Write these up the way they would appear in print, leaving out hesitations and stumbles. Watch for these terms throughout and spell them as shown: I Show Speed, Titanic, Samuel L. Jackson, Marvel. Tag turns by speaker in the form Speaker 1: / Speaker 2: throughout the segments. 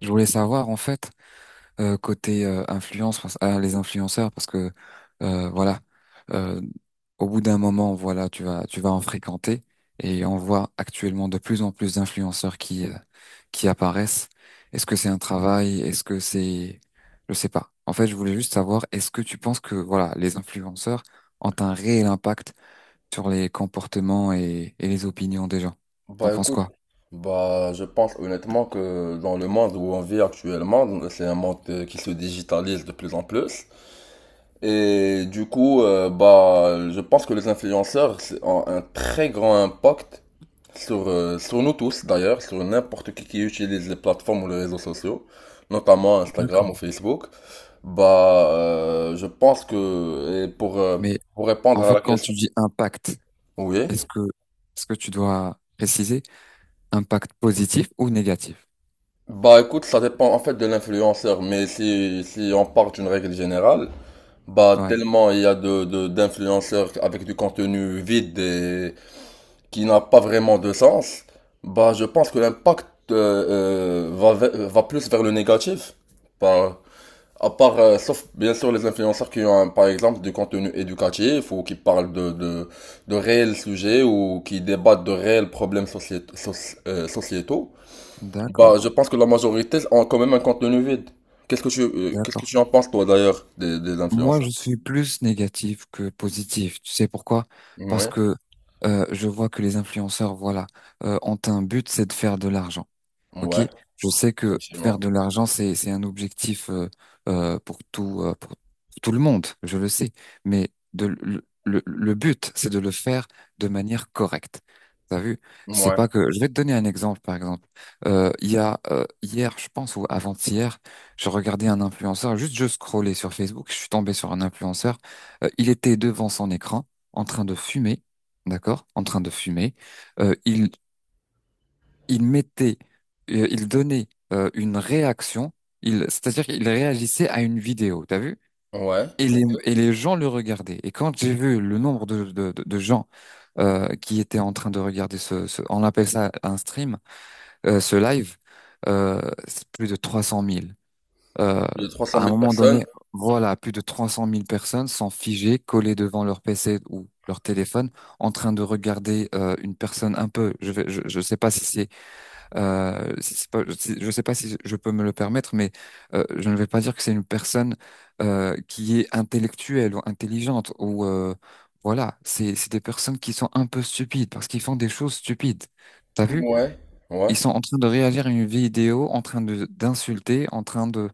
Speaker 1: Je voulais savoir en fait, côté influence ah, les influenceurs parce que voilà, euh, au bout d'un moment, voilà, tu vas en fréquenter, et on voit actuellement de plus en plus d'influenceurs qui apparaissent. Est-ce que c'est un travail? Est-ce que c'est, je sais pas. En fait, je voulais juste savoir, est-ce que tu penses que, voilà, les influenceurs ont un réel impact sur les comportements et les opinions des gens? T'en
Speaker 2: Bah
Speaker 1: penses
Speaker 2: écoute,
Speaker 1: quoi?
Speaker 2: bah je pense honnêtement que dans le monde où on vit actuellement, c'est un monde qui se digitalise de plus en plus. Et du coup, bah je pense que les influenceurs ont un très grand impact sur nous tous d'ailleurs, sur n'importe qui utilise les plateformes ou les réseaux sociaux, notamment Instagram ou Facebook. Bah je pense que, et pour, euh,
Speaker 1: Mais
Speaker 2: pour répondre
Speaker 1: en
Speaker 2: à
Speaker 1: fait,
Speaker 2: la
Speaker 1: quand tu
Speaker 2: question,
Speaker 1: dis impact.
Speaker 2: oui.
Speaker 1: Est-ce que, est-ce que tu dois préciser, impact positif ou négatif?
Speaker 2: Bah écoute, ça dépend en fait de l'influenceur, mais si on part d'une règle générale, bah
Speaker 1: Ouais,
Speaker 2: tellement il y a d'influenceurs avec du contenu vide et qui n'a pas vraiment de sens, bah je pense que l'impact va plus vers le négatif. Bah à part, sauf bien sûr les influenceurs qui ont par exemple du contenu éducatif ou qui parlent de réels sujets ou qui débattent de réels problèmes sociétaux. Bah,
Speaker 1: d'accord,
Speaker 2: je pense que la majorité ont quand même un contenu vide. Qu'est-ce que tu, euh, qu'est-ce que
Speaker 1: d'accord.
Speaker 2: tu en penses, toi, d'ailleurs, des
Speaker 1: Moi,
Speaker 2: influenceurs?
Speaker 1: je suis plus négatif que positif. Tu sais pourquoi? Parce
Speaker 2: Ouais,
Speaker 1: que je vois que les influenceurs, voilà, ont un but, c'est de faire de l'argent. Ok,
Speaker 2: ouais,
Speaker 1: je sais que faire
Speaker 2: effectivement.
Speaker 1: de l'argent, c'est un objectif, pour tout, pour tout le monde, je le sais. Mais le but, c'est de le faire de manière correcte. T'as vu? C'est
Speaker 2: Ouais,
Speaker 1: pas, que je vais te donner un exemple, par exemple. Il y a, hier, je pense, ou avant-hier, je regardais un influenceur. Juste, je scrollais sur Facebook, je suis tombé sur un influenceur. Il était devant son écran, en train de fumer, d'accord? En train de fumer. Euh, il il mettait, il donnait une réaction, il, c'est-à-dire qu'il réagissait à une vidéo, t'as vu?
Speaker 2: ouais,
Speaker 1: Et les,
Speaker 2: ok.
Speaker 1: et les gens le regardaient. Et quand j'ai vu le nombre de gens qui étaient en train de regarder ce, on appelle ça un stream, ce live, euh, c'est plus de 300 000. Euh,
Speaker 2: Il y a 300
Speaker 1: à un
Speaker 2: 000
Speaker 1: moment donné,
Speaker 2: personnes.
Speaker 1: voilà, plus de 300 000 personnes sont figées, collées devant leur PC ou leur téléphone, en train de regarder une personne un peu, je sais pas si c'est, je ne sais pas si je peux me le permettre, mais je ne vais pas dire que c'est une personne qui est intellectuelle ou intelligente, ou voilà. C'est des personnes qui sont un peu stupides parce qu'ils font des choses stupides. T'as vu?
Speaker 2: Ouais, ouais.
Speaker 1: Ils sont en train de réagir à une vidéo, en train de d'insulter, en train de,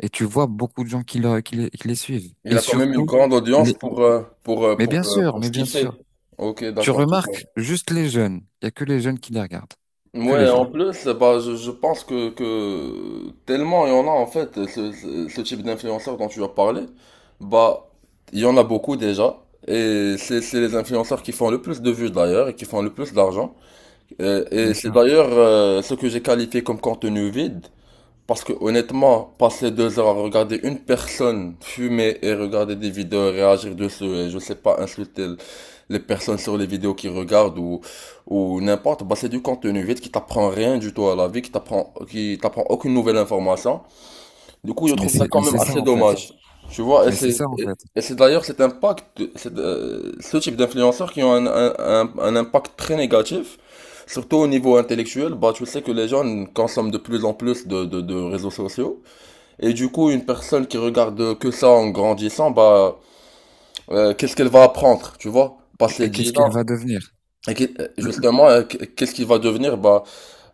Speaker 1: et tu vois beaucoup de gens qui les suivent.
Speaker 2: Il
Speaker 1: Et
Speaker 2: a quand même une
Speaker 1: surtout,
Speaker 2: grande audience
Speaker 1: les...
Speaker 2: pour, euh, pour, euh,
Speaker 1: mais bien
Speaker 2: pour, euh,
Speaker 1: sûr,
Speaker 2: pour
Speaker 1: mais
Speaker 2: ce qu'il
Speaker 1: bien
Speaker 2: fait.
Speaker 1: sûr.
Speaker 2: Ok,
Speaker 1: Tu
Speaker 2: d'accord.
Speaker 1: remarques juste les jeunes. Il y a que les jeunes qui les regardent, que les
Speaker 2: Ouais,
Speaker 1: jeunes,
Speaker 2: en plus, bah, je pense que tellement il y en a en fait, ce type d'influenceurs dont tu as parlé, bah, il y en a beaucoup déjà, et c'est les influenceurs qui font le plus de vues d'ailleurs, et qui font le plus d'argent, et
Speaker 1: bien
Speaker 2: c'est
Speaker 1: sûr.
Speaker 2: d'ailleurs ce que j'ai qualifié comme contenu vide, parce que honnêtement, passer deux heures à regarder une personne fumer et regarder des vidéos réagir dessus et je sais pas insulter les personnes sur les vidéos qu'ils regardent ou n'importe, bah c'est du contenu vide qui t'apprend rien du tout à la vie, qui t'apprend aucune nouvelle information. Du coup, je
Speaker 1: Mais
Speaker 2: trouve ça
Speaker 1: c'est
Speaker 2: quand
Speaker 1: mais
Speaker 2: même
Speaker 1: c'est ça
Speaker 2: assez
Speaker 1: en fait.
Speaker 2: dommage. Tu vois,
Speaker 1: Mais c'est ça en
Speaker 2: et-
Speaker 1: fait.
Speaker 2: et c'est d'ailleurs cet impact, ce type d'influenceurs qui ont un impact très négatif, surtout au niveau intellectuel. Bah, tu sais que les jeunes consomment de plus en plus de réseaux sociaux. Et du coup, une personne qui regarde que ça en grandissant, bah, qu'est-ce qu'elle va apprendre, tu vois? Passer
Speaker 1: Et qu'est-ce
Speaker 2: 10 ans.
Speaker 1: qu'elle va devenir? Le- le-
Speaker 2: Justement, qu'est-ce qu'il va devenir? Bah,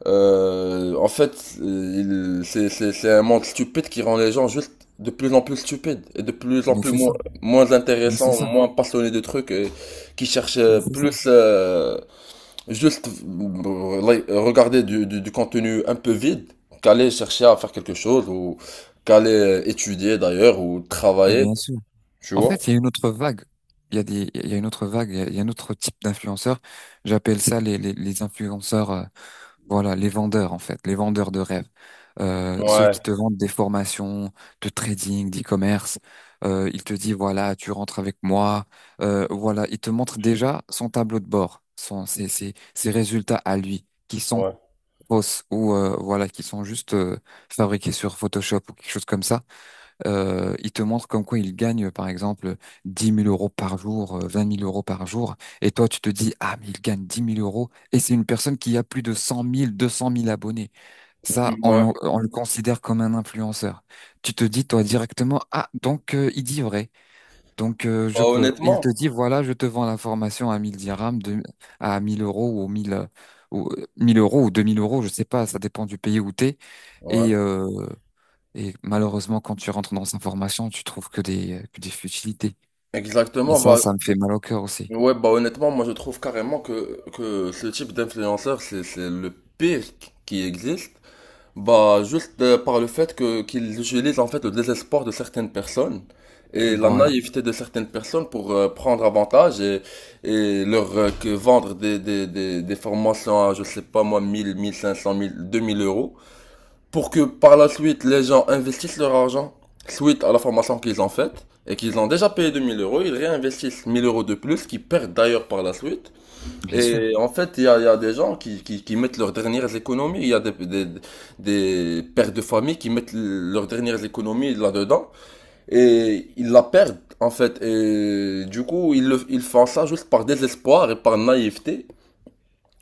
Speaker 2: en fait, c'est un monde stupide qui rend les gens juste de plus en plus stupides et de plus en
Speaker 1: Mais
Speaker 2: plus
Speaker 1: c'est
Speaker 2: moins,
Speaker 1: ça,
Speaker 2: moins
Speaker 1: mais c'est
Speaker 2: intéressants,
Speaker 1: ça,
Speaker 2: moins passionnés de trucs, et qui cherchent
Speaker 1: mais c'est ça.
Speaker 2: plus juste like, regarder du, du contenu un peu vide qu'aller chercher à faire quelque chose ou qu'aller étudier d'ailleurs ou
Speaker 1: Et bien
Speaker 2: travailler,
Speaker 1: sûr.
Speaker 2: tu
Speaker 1: En
Speaker 2: vois?
Speaker 1: fait, il y a une autre vague. Il y a une autre vague. Il y a un autre type d'influenceurs. J'appelle ça les influenceurs. Voilà, les vendeurs en fait, les vendeurs de rêves. Ceux
Speaker 2: Ouais,
Speaker 1: qui te vendent des formations de trading, d'e-commerce. Ils te disent, voilà, tu rentres avec moi. Voilà, ils te montrent déjà son tableau de bord, son, ses résultats à lui, qui sont
Speaker 2: ouais.
Speaker 1: fausses, ou voilà, qui sont juste fabriquées sur Photoshop ou quelque chose comme ça. Ils te montrent comme quoi ils gagnent par exemple 10 000 euros par jour, 20 000 euros par jour, et toi tu te dis, ah, mais il gagne 10 000 euros et c'est une personne qui a plus de 100 000, 200 000 abonnés. Ça,
Speaker 2: Ouais.
Speaker 1: on le considère comme un influenceur. Tu te dis toi directement, ah, donc, il dit vrai. Donc, je
Speaker 2: Bah,
Speaker 1: peux. Il te
Speaker 2: honnêtement,
Speaker 1: dit, voilà, je te vends la formation à 1 000 dirhams, à 1 000 euros, ou 1 000, ou 1 000 euros, ou 2 000 euros, je sais pas, ça dépend du pays où t'es.
Speaker 2: ouais.
Speaker 1: Et, euh, et malheureusement, quand tu rentres dans sa formation, tu trouves que des futilités. Et
Speaker 2: Exactement,
Speaker 1: ça,
Speaker 2: bah.
Speaker 1: ça me fait mal au cœur aussi.
Speaker 2: Ouais, bah honnêtement, moi je trouve carrément que ce type d'influenceur, c'est le pire qui existe. Bah juste par le fait que qu'ils utilisent en fait le désespoir de certaines personnes et la
Speaker 1: Voilà,
Speaker 2: naïveté de certaines personnes pour prendre avantage et leur que vendre des formations à, je sais pas moi, mille mille cinq cents mille deux mille euros pour que par la suite les gens investissent leur argent suite à la formation qu'ils ont faite et qu'ils ont déjà payé 2000 euros, ils réinvestissent 1000 euros de plus qu'ils perdent d'ailleurs par la suite.
Speaker 1: bien sûr.
Speaker 2: Et en fait, il y a des gens qui mettent leurs dernières économies, il y a des pères de famille qui mettent leurs dernières économies là-dedans et ils la perdent en fait. Et du coup, ils font ça juste par désespoir et par naïveté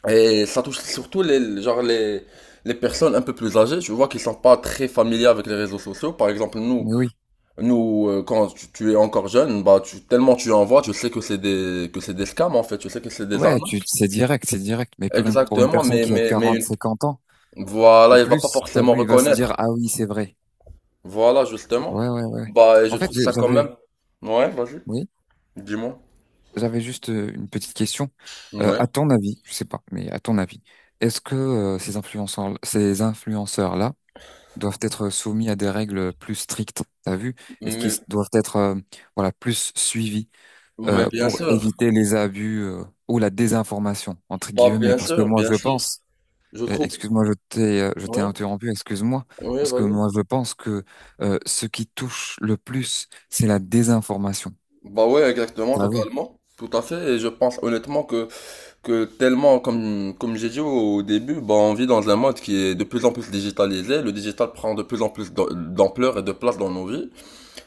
Speaker 2: et ça touche surtout genre les personnes un peu plus âgées. Je vois qu'ils sont pas très familiers avec les réseaux sociaux. Par exemple, nous,
Speaker 1: Mais oui.
Speaker 2: quand tu es encore jeune, bah, tellement tu en vois, tu sais que c'est des scams, en fait. Tu sais que c'est des
Speaker 1: Ouais, tu,
Speaker 2: arnaques.
Speaker 1: c'est direct, c'est direct. Mais pour une
Speaker 2: Exactement,
Speaker 1: personne
Speaker 2: mais,
Speaker 1: qui a
Speaker 2: mais, mais
Speaker 1: 40, 50 ans
Speaker 2: voilà,
Speaker 1: ou
Speaker 2: il va pas
Speaker 1: plus, t'as
Speaker 2: forcément
Speaker 1: vu, il va se dire,
Speaker 2: reconnaître.
Speaker 1: ah oui, c'est vrai.
Speaker 2: Voilà, justement.
Speaker 1: Ouais, ouais, ouais.
Speaker 2: Bah, et je
Speaker 1: En fait,
Speaker 2: trouve ça quand
Speaker 1: j'avais,
Speaker 2: même. Ouais, vas-y.
Speaker 1: oui.
Speaker 2: Dis-moi.
Speaker 1: J'avais juste une petite question.
Speaker 2: Ouais.
Speaker 1: À ton avis, je sais pas, mais à ton avis, est-ce que ces influenceurs, ces influenceurs-là doivent être soumis à des règles plus strictes, t'as vu? Est-ce qu'ils
Speaker 2: Mais,
Speaker 1: doivent être, voilà, plus suivis,
Speaker 2: mais bien
Speaker 1: pour
Speaker 2: sûr.
Speaker 1: éviter les abus, ou la désinformation entre
Speaker 2: Bah,
Speaker 1: guillemets?
Speaker 2: bien
Speaker 1: Parce que
Speaker 2: sûr,
Speaker 1: moi,
Speaker 2: bien
Speaker 1: je
Speaker 2: sûr.
Speaker 1: pense,
Speaker 2: Je trouve.
Speaker 1: excuse-moi, je t'ai
Speaker 2: Oui,
Speaker 1: interrompu, excuse-moi,
Speaker 2: oui,
Speaker 1: parce que
Speaker 2: vas-y.
Speaker 1: moi, je pense que, ce qui touche le plus, c'est la désinformation.
Speaker 2: Bah ouais, exactement,
Speaker 1: T'as vu?
Speaker 2: totalement. Tout à fait. Et je pense honnêtement que, tellement, comme j'ai dit au début, bah on vit dans un monde qui est de plus en plus digitalisé. Le digital prend de plus en plus d'ampleur et de place dans nos vies.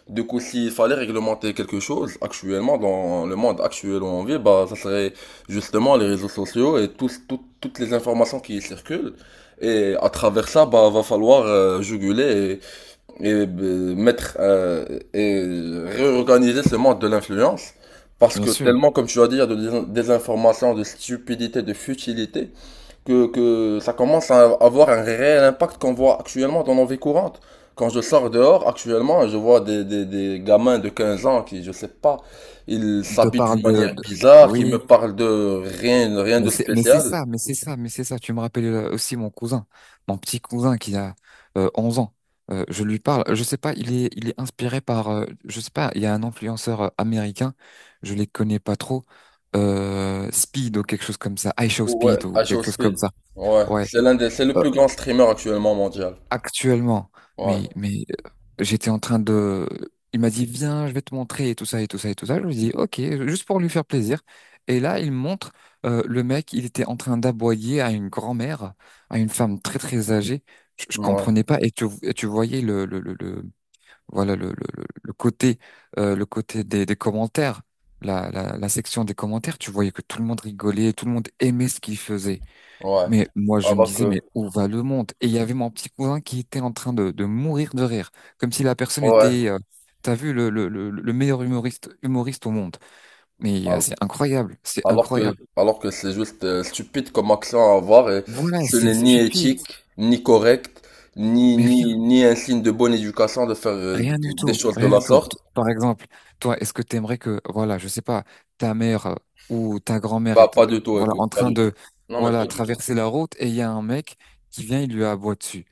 Speaker 2: Du coup, s'il fallait réglementer quelque chose actuellement dans le monde actuel où on vit, bah ça serait justement les réseaux sociaux et toutes les informations qui y circulent. Et à travers ça, bah va falloir juguler et mettre et réorganiser ce monde de l'influence parce
Speaker 1: Bien
Speaker 2: que
Speaker 1: sûr.
Speaker 2: tellement comme tu vas dire de désinformation, de stupidité, de futilité que ça commence à avoir un réel impact qu'on voit actuellement dans nos vies courantes. Quand je sors dehors actuellement, je vois des gamins de 15 ans qui, je sais pas, ils
Speaker 1: On te
Speaker 2: s'habillent d'une
Speaker 1: parle
Speaker 2: manière bizarre, qui
Speaker 1: oui,
Speaker 2: me parlent de rien, rien
Speaker 1: mais
Speaker 2: de
Speaker 1: c'est
Speaker 2: spécial.
Speaker 1: ça, mais c'est ça, mais c'est ça. Tu me rappelles aussi mon cousin, mon petit cousin qui a 11 ans. Je lui parle, je sais pas, il est inspiré par, je sais pas, il y a un influenceur américain, je les connais pas trop, Speed ou quelque chose comme ça, I Show
Speaker 2: Ouais,
Speaker 1: Speed ou
Speaker 2: à
Speaker 1: quelque chose comme
Speaker 2: Speed.
Speaker 1: ça.
Speaker 2: Ouais,
Speaker 1: Ouais,
Speaker 2: c'est le plus grand streamer actuellement mondial.
Speaker 1: actuellement.
Speaker 2: Ouais.
Speaker 1: Mais j'étais en train de. Il m'a dit, viens, je vais te montrer, et tout ça et tout ça et tout ça. Je lui dis, ok, juste pour lui faire plaisir. Et là, il montre, le mec, il était en train d'aboyer à une grand-mère, à une femme très très âgée. Je
Speaker 2: Ouais.
Speaker 1: comprenais pas. Et tu voyais voilà le côté, le côté des commentaires, la section des commentaires. Tu voyais que tout le monde rigolait, tout le monde aimait ce qu'il faisait.
Speaker 2: Ouais.
Speaker 1: Mais moi, je me
Speaker 2: Alors
Speaker 1: disais,
Speaker 2: que,
Speaker 1: mais où va le monde? Et il y avait mon petit cousin qui était en train de mourir de rire, comme si la personne
Speaker 2: ouais.
Speaker 1: était, t'as vu, le meilleur humoriste, humoriste au monde. Mais
Speaker 2: Al-
Speaker 1: c'est incroyable, c'est
Speaker 2: Alors que,
Speaker 1: incroyable.
Speaker 2: alors que c'est juste stupide comme action à avoir et
Speaker 1: Voilà,
Speaker 2: ce
Speaker 1: c'est
Speaker 2: n'est ni
Speaker 1: stupide,
Speaker 2: éthique, ni correct, ni,
Speaker 1: mais rien,
Speaker 2: ni, ni un signe de bonne éducation de faire
Speaker 1: rien du
Speaker 2: des
Speaker 1: tout,
Speaker 2: choses de
Speaker 1: rien du
Speaker 2: la
Speaker 1: tout.
Speaker 2: sorte.
Speaker 1: Par exemple, toi, est-ce que t'aimerais que, voilà, je sais pas, ta mère, ou ta grand-mère
Speaker 2: Bah,
Speaker 1: est,
Speaker 2: pas du tout,
Speaker 1: voilà,
Speaker 2: écoute,
Speaker 1: en
Speaker 2: pas
Speaker 1: train
Speaker 2: du tout.
Speaker 1: de,
Speaker 2: Non, mais pas
Speaker 1: voilà,
Speaker 2: du tout.
Speaker 1: traverser la route, et il y a un mec qui vient, il lui aboie dessus.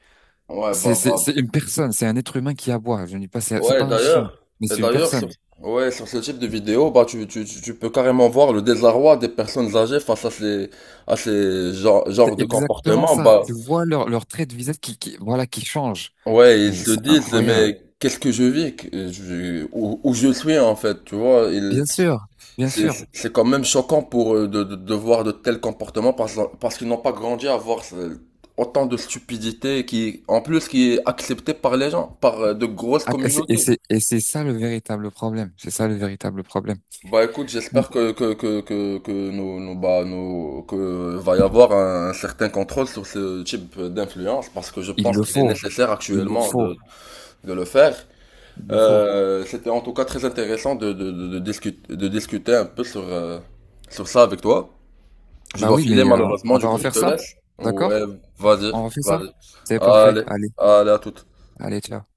Speaker 2: Ouais,
Speaker 1: C'est,
Speaker 2: bah,
Speaker 1: c'est, c'est
Speaker 2: bah.
Speaker 1: une personne, c'est un être humain qui aboie. Je ne dis pas, c'est
Speaker 2: Ouais,
Speaker 1: pas un chien, mais
Speaker 2: et
Speaker 1: c'est une
Speaker 2: d'ailleurs, sur,
Speaker 1: personne.
Speaker 2: ouais, sur ce type de vidéo, bah, tu peux carrément voir le désarroi des personnes âgées face à ces genres,
Speaker 1: C'est
Speaker 2: genres de
Speaker 1: exactement
Speaker 2: comportements,
Speaker 1: ça. Tu
Speaker 2: bah.
Speaker 1: vois leur trait de visage qui, voilà, qui change.
Speaker 2: Ouais, ils
Speaker 1: Mais
Speaker 2: se
Speaker 1: c'est
Speaker 2: disent,
Speaker 1: incroyable.
Speaker 2: mais qu'est-ce que je vis, où je suis en fait, tu vois,
Speaker 1: Bien sûr, bien
Speaker 2: c'est
Speaker 1: sûr.
Speaker 2: c'est quand même choquant pour eux de voir de tels comportements parce qu'ils n'ont pas grandi à voir autant de stupidité qui, en plus, qui est acceptée par les gens, par de grosses
Speaker 1: Ah, et c'est, et
Speaker 2: communautés.
Speaker 1: c'est et c'est ça le véritable problème. C'est ça le véritable problème.
Speaker 2: Bah écoute,
Speaker 1: Bon,
Speaker 2: j'espère que nous que va y avoir un certain contrôle sur ce type d'influence parce que je
Speaker 1: il
Speaker 2: pense
Speaker 1: le
Speaker 2: qu'il est
Speaker 1: faut,
Speaker 2: nécessaire
Speaker 1: il le
Speaker 2: actuellement de
Speaker 1: faut,
Speaker 2: le faire.
Speaker 1: il le faut.
Speaker 2: C'était en tout cas très intéressant de discuter un peu sur ça avec toi. Je
Speaker 1: Bah
Speaker 2: dois
Speaker 1: oui,
Speaker 2: filer
Speaker 1: mais
Speaker 2: malheureusement,
Speaker 1: on
Speaker 2: du
Speaker 1: va
Speaker 2: coup je
Speaker 1: refaire
Speaker 2: te
Speaker 1: ça,
Speaker 2: laisse. Ouais,
Speaker 1: d'accord?
Speaker 2: vas-y,
Speaker 1: On refait ça?
Speaker 2: vas-y.
Speaker 1: C'est parfait.
Speaker 2: Allez,
Speaker 1: Allez,
Speaker 2: allez à toute.
Speaker 1: allez, ciao.